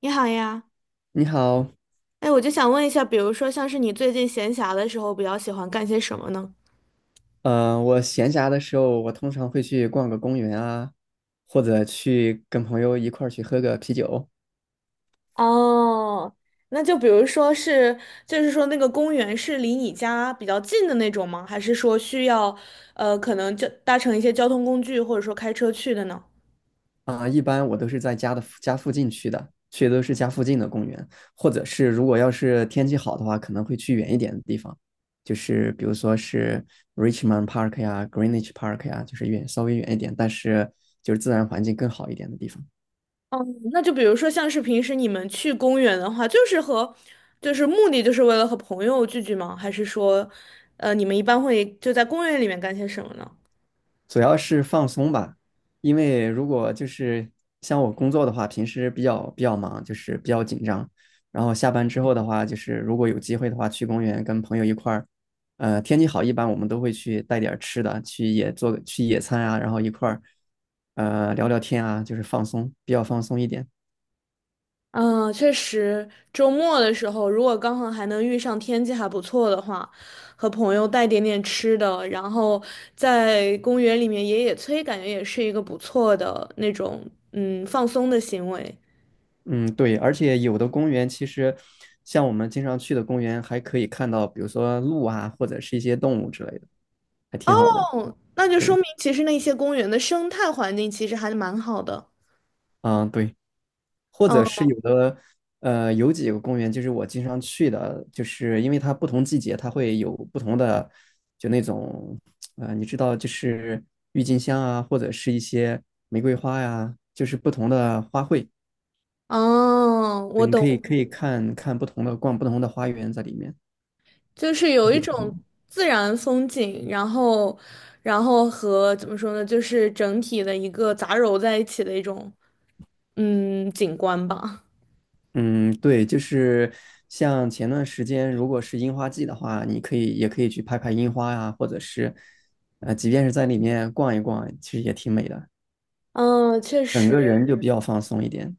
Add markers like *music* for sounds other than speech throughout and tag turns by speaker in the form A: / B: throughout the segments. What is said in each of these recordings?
A: 你好呀，
B: 你好，
A: 我就想问一下，比如说像是你最近闲暇的时候，比较喜欢干些什么呢？
B: 我闲暇的时候，我通常会去逛个公园啊，或者去跟朋友一块儿去喝个啤酒
A: 哦，那就比如说是，就是说那个公园是离你家比较近的那种吗？还是说需要，可能就搭乘一些交通工具，或者说开车去的呢？
B: 啊。一般我都是在家的附近去的，去的都是家附近的公园，或者是如果要是天气好的话，可能会去远一点的地方，就是比如说是 Richmond Park 呀、Greenwich Park 呀，就是稍微远一点，但是就是自然环境更好一点的地方。
A: 哦，那就比如说像是平时你们去公园的话，就是和，就是目的就是为了和朋友聚聚吗？还是说，你们一般会就在公园里面干些什么呢？
B: 主要是放松吧，因为如果就是像我工作的话，平时比较忙，就是比较紧张。然后下班之后的话，就是如果有机会的话，去公园跟朋友一块儿，天气好，一般我们都会去带点儿吃的，去野餐啊，然后一块儿，聊聊天啊，就是放松，比较放松一点。
A: 嗯，确实，周末的时候，如果刚好还能遇上天气还不错的话，和朋友带点点吃的，然后在公园里面野野炊，感觉也是一个不错的那种嗯放松的行为。
B: 嗯，对，而且有的公园其实像我们经常去的公园，还可以看到，比如说鹿啊，或者是一些动物之类的，还
A: 哦，
B: 挺好的。
A: 那就说
B: 对，
A: 明其实那些公园的生态环境其实还蛮好的。
B: 嗯，对。或
A: 嗯，
B: 者是有的，有几个公园就是我经常去的，就是因为它不同季节它会有不同的，就那种，你知道，就是郁金香啊，或者是一些玫瑰花呀、就是不同的花卉，
A: 哦，我
B: 对你可以
A: 懂，
B: 可以看看不同的，逛不同的花园在里面。
A: 就是有一种自然风景，然后，然后和怎么说呢，就是整体的一个杂糅在一起的一种。嗯，景观吧。
B: 嗯，对，就是像前段时间，如果是樱花季的话，你也可以去拍拍樱花呀、或者是，即便是在里面逛一逛，其实也挺美的。
A: 嗯，确
B: 整个
A: 实，
B: 人就比较放松一点。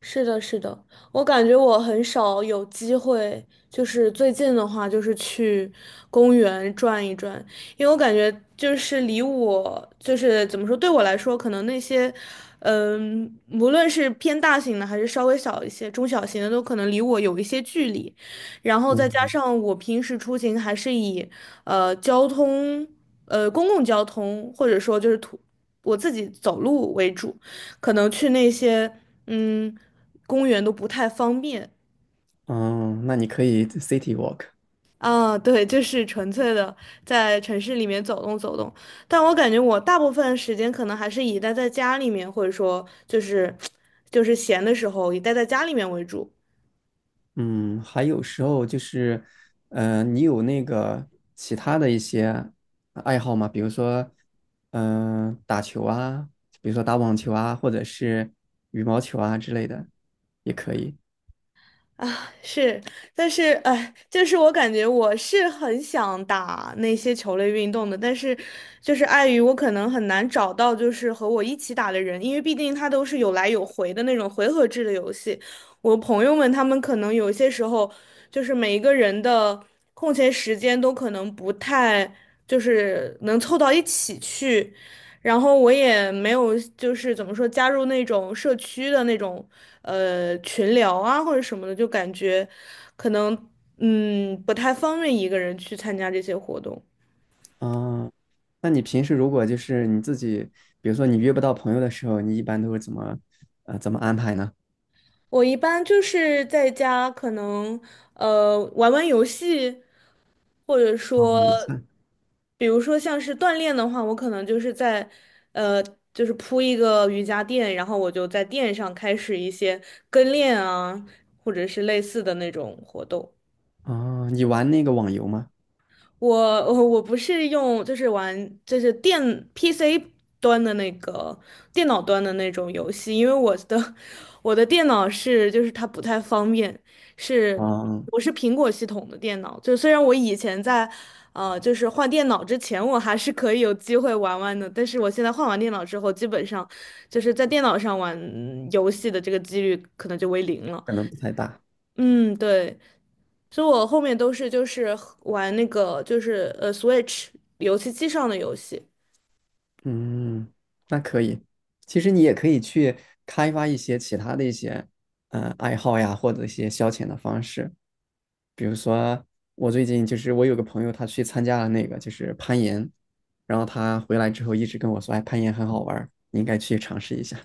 A: 是的，是的，我感觉我很少有机会，就是最近的话，就是去公园转一转，因为我感觉就是离我，就是怎么说，对我来说，可能那些，嗯，无论是偏大型的还是稍微小一些、中小型的，都可能离我有一些距离，然后再加
B: 嗯，
A: 上我平时出行还是以，交通，公共交通，或者说就是土，我自己走路为主。可能去那些嗯公园都不太方便
B: 嗯，那你可以 city walk。
A: 啊。对，就是纯粹的在城市里面走动走动。但我感觉我大部分时间可能还是以待在家里面，或者说就是 *tsk* 就是闲的时候以待在家里面为主。
B: 嗯，还有时候就是，你有那个其他的一些爱好吗？比如说，嗯、打球啊，比如说打网球啊，或者是羽毛球啊之类的，也可以。
A: 啊，是，但是就是我感觉我是很想打那些球类运动的，但是就是碍于我可能很难找到就是和我一起打的人，因为毕竟它都是有来有回的那种回合制的游戏。我朋友们他们可能有些时候就是每一个人的空闲时间都可能不太就是能凑到一起去。然后我也没有，就是怎么说，加入那种社区的那种群聊啊或者什么的，就感觉可能嗯不太方便一个人去参加这些活动。
B: 嗯，那你平时如果就是你自己，比如说你约不到朋友的时候，你一般都是怎么，怎么安排呢？
A: 我一般就是在家，可能玩玩游戏，或者
B: 啊，
A: 说，比如说像是锻炼的话，我可能就是在呃就是铺一个瑜伽垫，然后我就在垫上开始一些跟练啊，或者是类似的那种活动。
B: 你玩那个网游吗？
A: 我我不是用，就是玩就是电 PC 端的那个电脑端的那种游戏，因为我的 *laughs* 我的电脑是就是它不太方便，是
B: 啊。
A: 我是苹果系统的电脑，就虽然我以前在就是换电脑之前我还是可以有机会玩玩的，但是我现在换完电脑之后，基本上就是在电脑上玩游戏的这个几率可能就为零了。
B: 可能不太大。
A: 嗯，对。所以我后面都是就是玩那个就是Switch 游戏机上的游戏。
B: 嗯，那可以。其实你也可以去开发一些其他的一些爱好呀，或者一些消遣的方式。比如说，我最近就是我有个朋友，他去参加了那个就是攀岩，然后他回来之后一直跟我说，哎，攀岩很好玩儿你应该去尝试一下。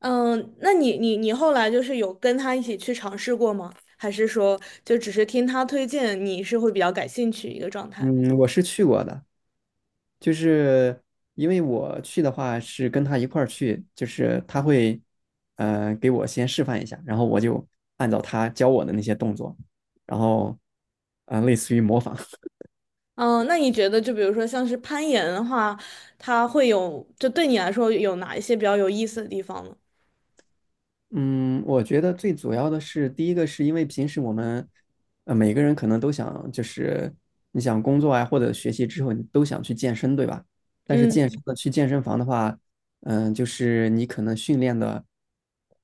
A: 嗯，那你后来就是有跟他一起去尝试过吗？还是说就只是听他推荐，你是会比较感兴趣一个状态？
B: 嗯，我是去过的，就是因为我去的话是跟他一块儿去，就是他会，给我先示范一下，然后我就按照他教我的那些动作，然后，类似于模仿。
A: 嗯，那你觉得就比如说像是攀岩的话，它会有就对你来说有哪一些比较有意思的地方呢？
B: 嗯，我觉得最主要的是，第一个是因为平时我们，每个人可能都想，就是你想工作啊或者学习之后，你都想去健身，对吧？但是健
A: 嗯，
B: 身的去健身房的话，嗯，就是你可能训练的，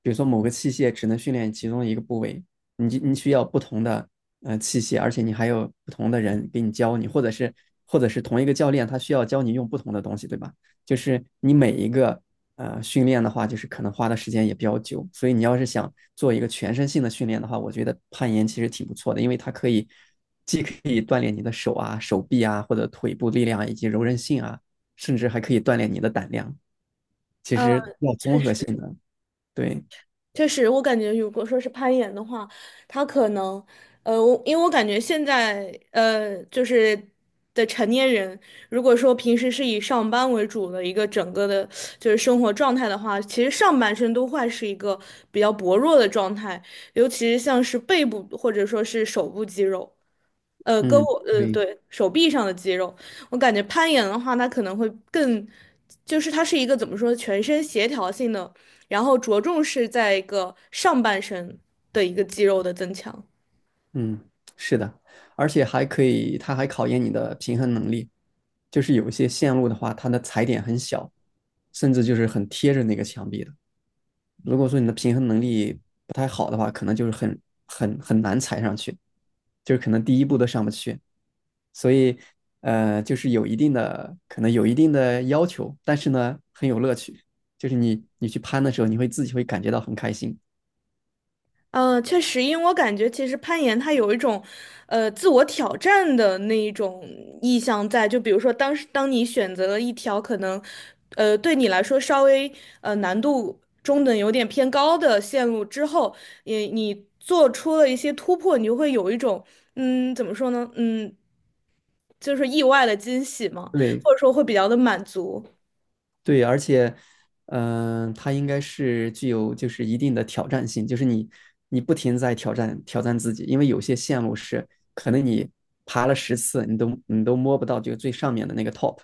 B: 比如说某个器械只能训练其中一个部位，你就你需要不同的器械，而且你还有不同的人给你教你，或者是同一个教练他需要教你用不同的东西，对吧？就是你每一个训练的话，就是可能花的时间也比较久，所以你要是想做一个全身性的训练的话，我觉得攀岩其实挺不错的，因为它可以既可以锻炼你的手啊、手臂啊，或者腿部力量啊以及柔韧性啊，甚至还可以锻炼你的胆量。其
A: 呃，
B: 实要
A: 确
B: 综合
A: 实。
B: 性的，对，
A: 确实，我感觉如果说是攀岩的话，他可能，我因为我感觉现在，就是的成年人，如果说平时是以上班为主的一个整个的，就是生活状态的话，其实上半身都会是一个比较薄弱的状态，尤其是像是背部或者说是手部肌肉。胳
B: 嗯，
A: 膊，嗯，
B: 对，
A: 对，手臂上的肌肉，我感觉攀岩的话，它可能会更，就是它是一个怎么说，全身协调性的，然后着重是在一个上半身的一个肌肉的增强。
B: 嗯，是的，而且还可以，它还考验你的平衡能力。就是有一些线路的话，它的踩点很小，甚至就是很贴着那个墙壁的。如果说你的平衡能力不太好的话，可能就是很很难踩上去，就是可能第一步都上不去。所以，就是有一定的要求，但是呢，很有乐趣。就是你去攀的时候，你会自己会感觉到很开心。
A: 确实，因为我感觉其实攀岩它有一种，自我挑战的那一种意向在。就比如说当时，当你选择了一条可能，对你来说稍微难度中等、有点偏高的线路之后，也你做出了一些突破，你就会有一种，嗯，怎么说呢？嗯，就是意外的惊喜嘛，
B: 对
A: 或者说会比较的满足。
B: 对，而且，嗯、它应该是具有就是一定的挑战性，就是你不停在挑战自己，因为有些线路是可能你爬了十次，你都摸不到这个最上面的那个 top。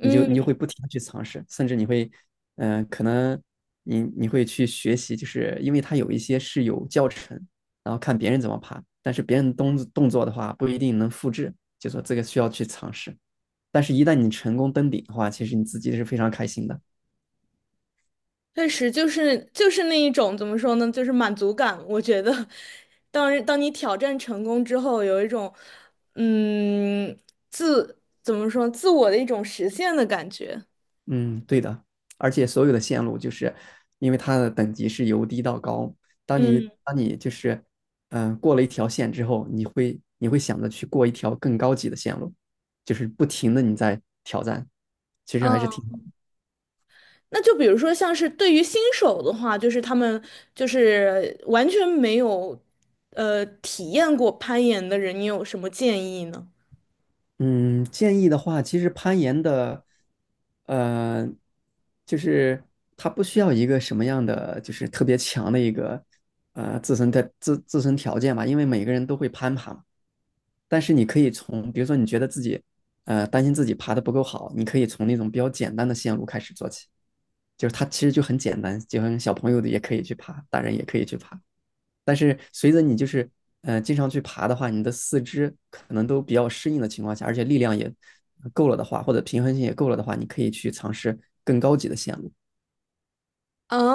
B: 你就会不停的去尝试，甚至你会，嗯、可能你会去学习，就是因为它有一些是有教程，然后看别人怎么爬，但是别人动作的话不一定能复制，就说这个需要去尝试。但是，一旦你成功登顶的话，其实你自己是非常开心的。
A: 确实，就是那一种怎么说呢，就是满足感。我觉得，当你挑战成功之后，有一种嗯自怎么说自我的一种实现的感觉。
B: 嗯，对的，而且所有的线路就是因为它的等级是由低到高，当你
A: 嗯
B: 当你就是嗯、过了一条线之后，你会想着去过一条更高级的线路，就是不停的你在挑战，其实还是
A: 嗯，
B: 挺。
A: 那就比如说像是对于新手的话，就是他们就是完全没有体验过攀岩的人，你有什么建议呢？
B: 嗯，建议的话，其实攀岩的呃就是它不需要一个什么样的就是特别强的一个自身的自身条件吧，因为每个人都会攀爬嘛。但是你可以从，比如说你觉得自己，担心自己爬的不够好，你可以从那种比较简单的线路开始做起，就是它其实就很简单，就像小朋友的也可以去爬，大人也可以去爬。但是随着你就是，经常去爬的话，你的四肢可能都比较适应的情况下，而且力量也够了的话，或者平衡性也够了的话，你可以去尝试更高级的线路，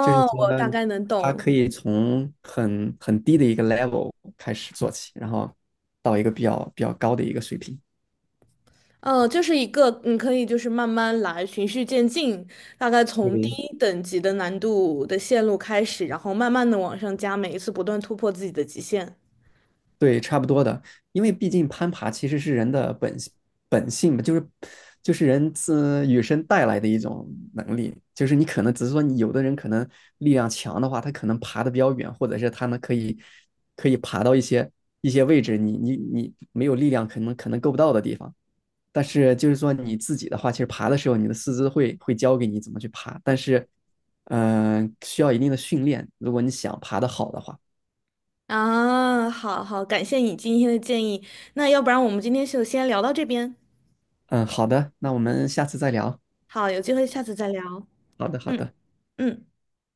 B: 就是说
A: 我大概能
B: 它
A: 懂。
B: 可以从很低的一个 level 开始做起，然后到一个比较高的一个水平。
A: 嗯，就是一个你可以就是慢慢来，循序渐进，大概从低
B: 嗯，
A: 等级的难度的线路开始，然后慢慢的往上加，每一次不断突破自己的极限。
B: 对，差不多的，因为毕竟攀爬其实是人的本性嘛，就是就是人自与生带来的一种能力，就是你可能只是说你有的人可能力量强的话，他可能爬的比较远，或者是他们可以爬到一些位置，你没有力量可能够不到的地方。但是就是说你自己的话，其实爬的时候你的四肢会教给你怎么去爬，但是嗯、需要一定的训练，如果你想爬得好的话。
A: 啊，好好，感谢你今天的建议。那要不然我们今天就先聊到这边。
B: 嗯，好的，那我们下次再聊。
A: 好，有机会下次再聊。
B: 好的，好
A: 嗯
B: 的。
A: 嗯。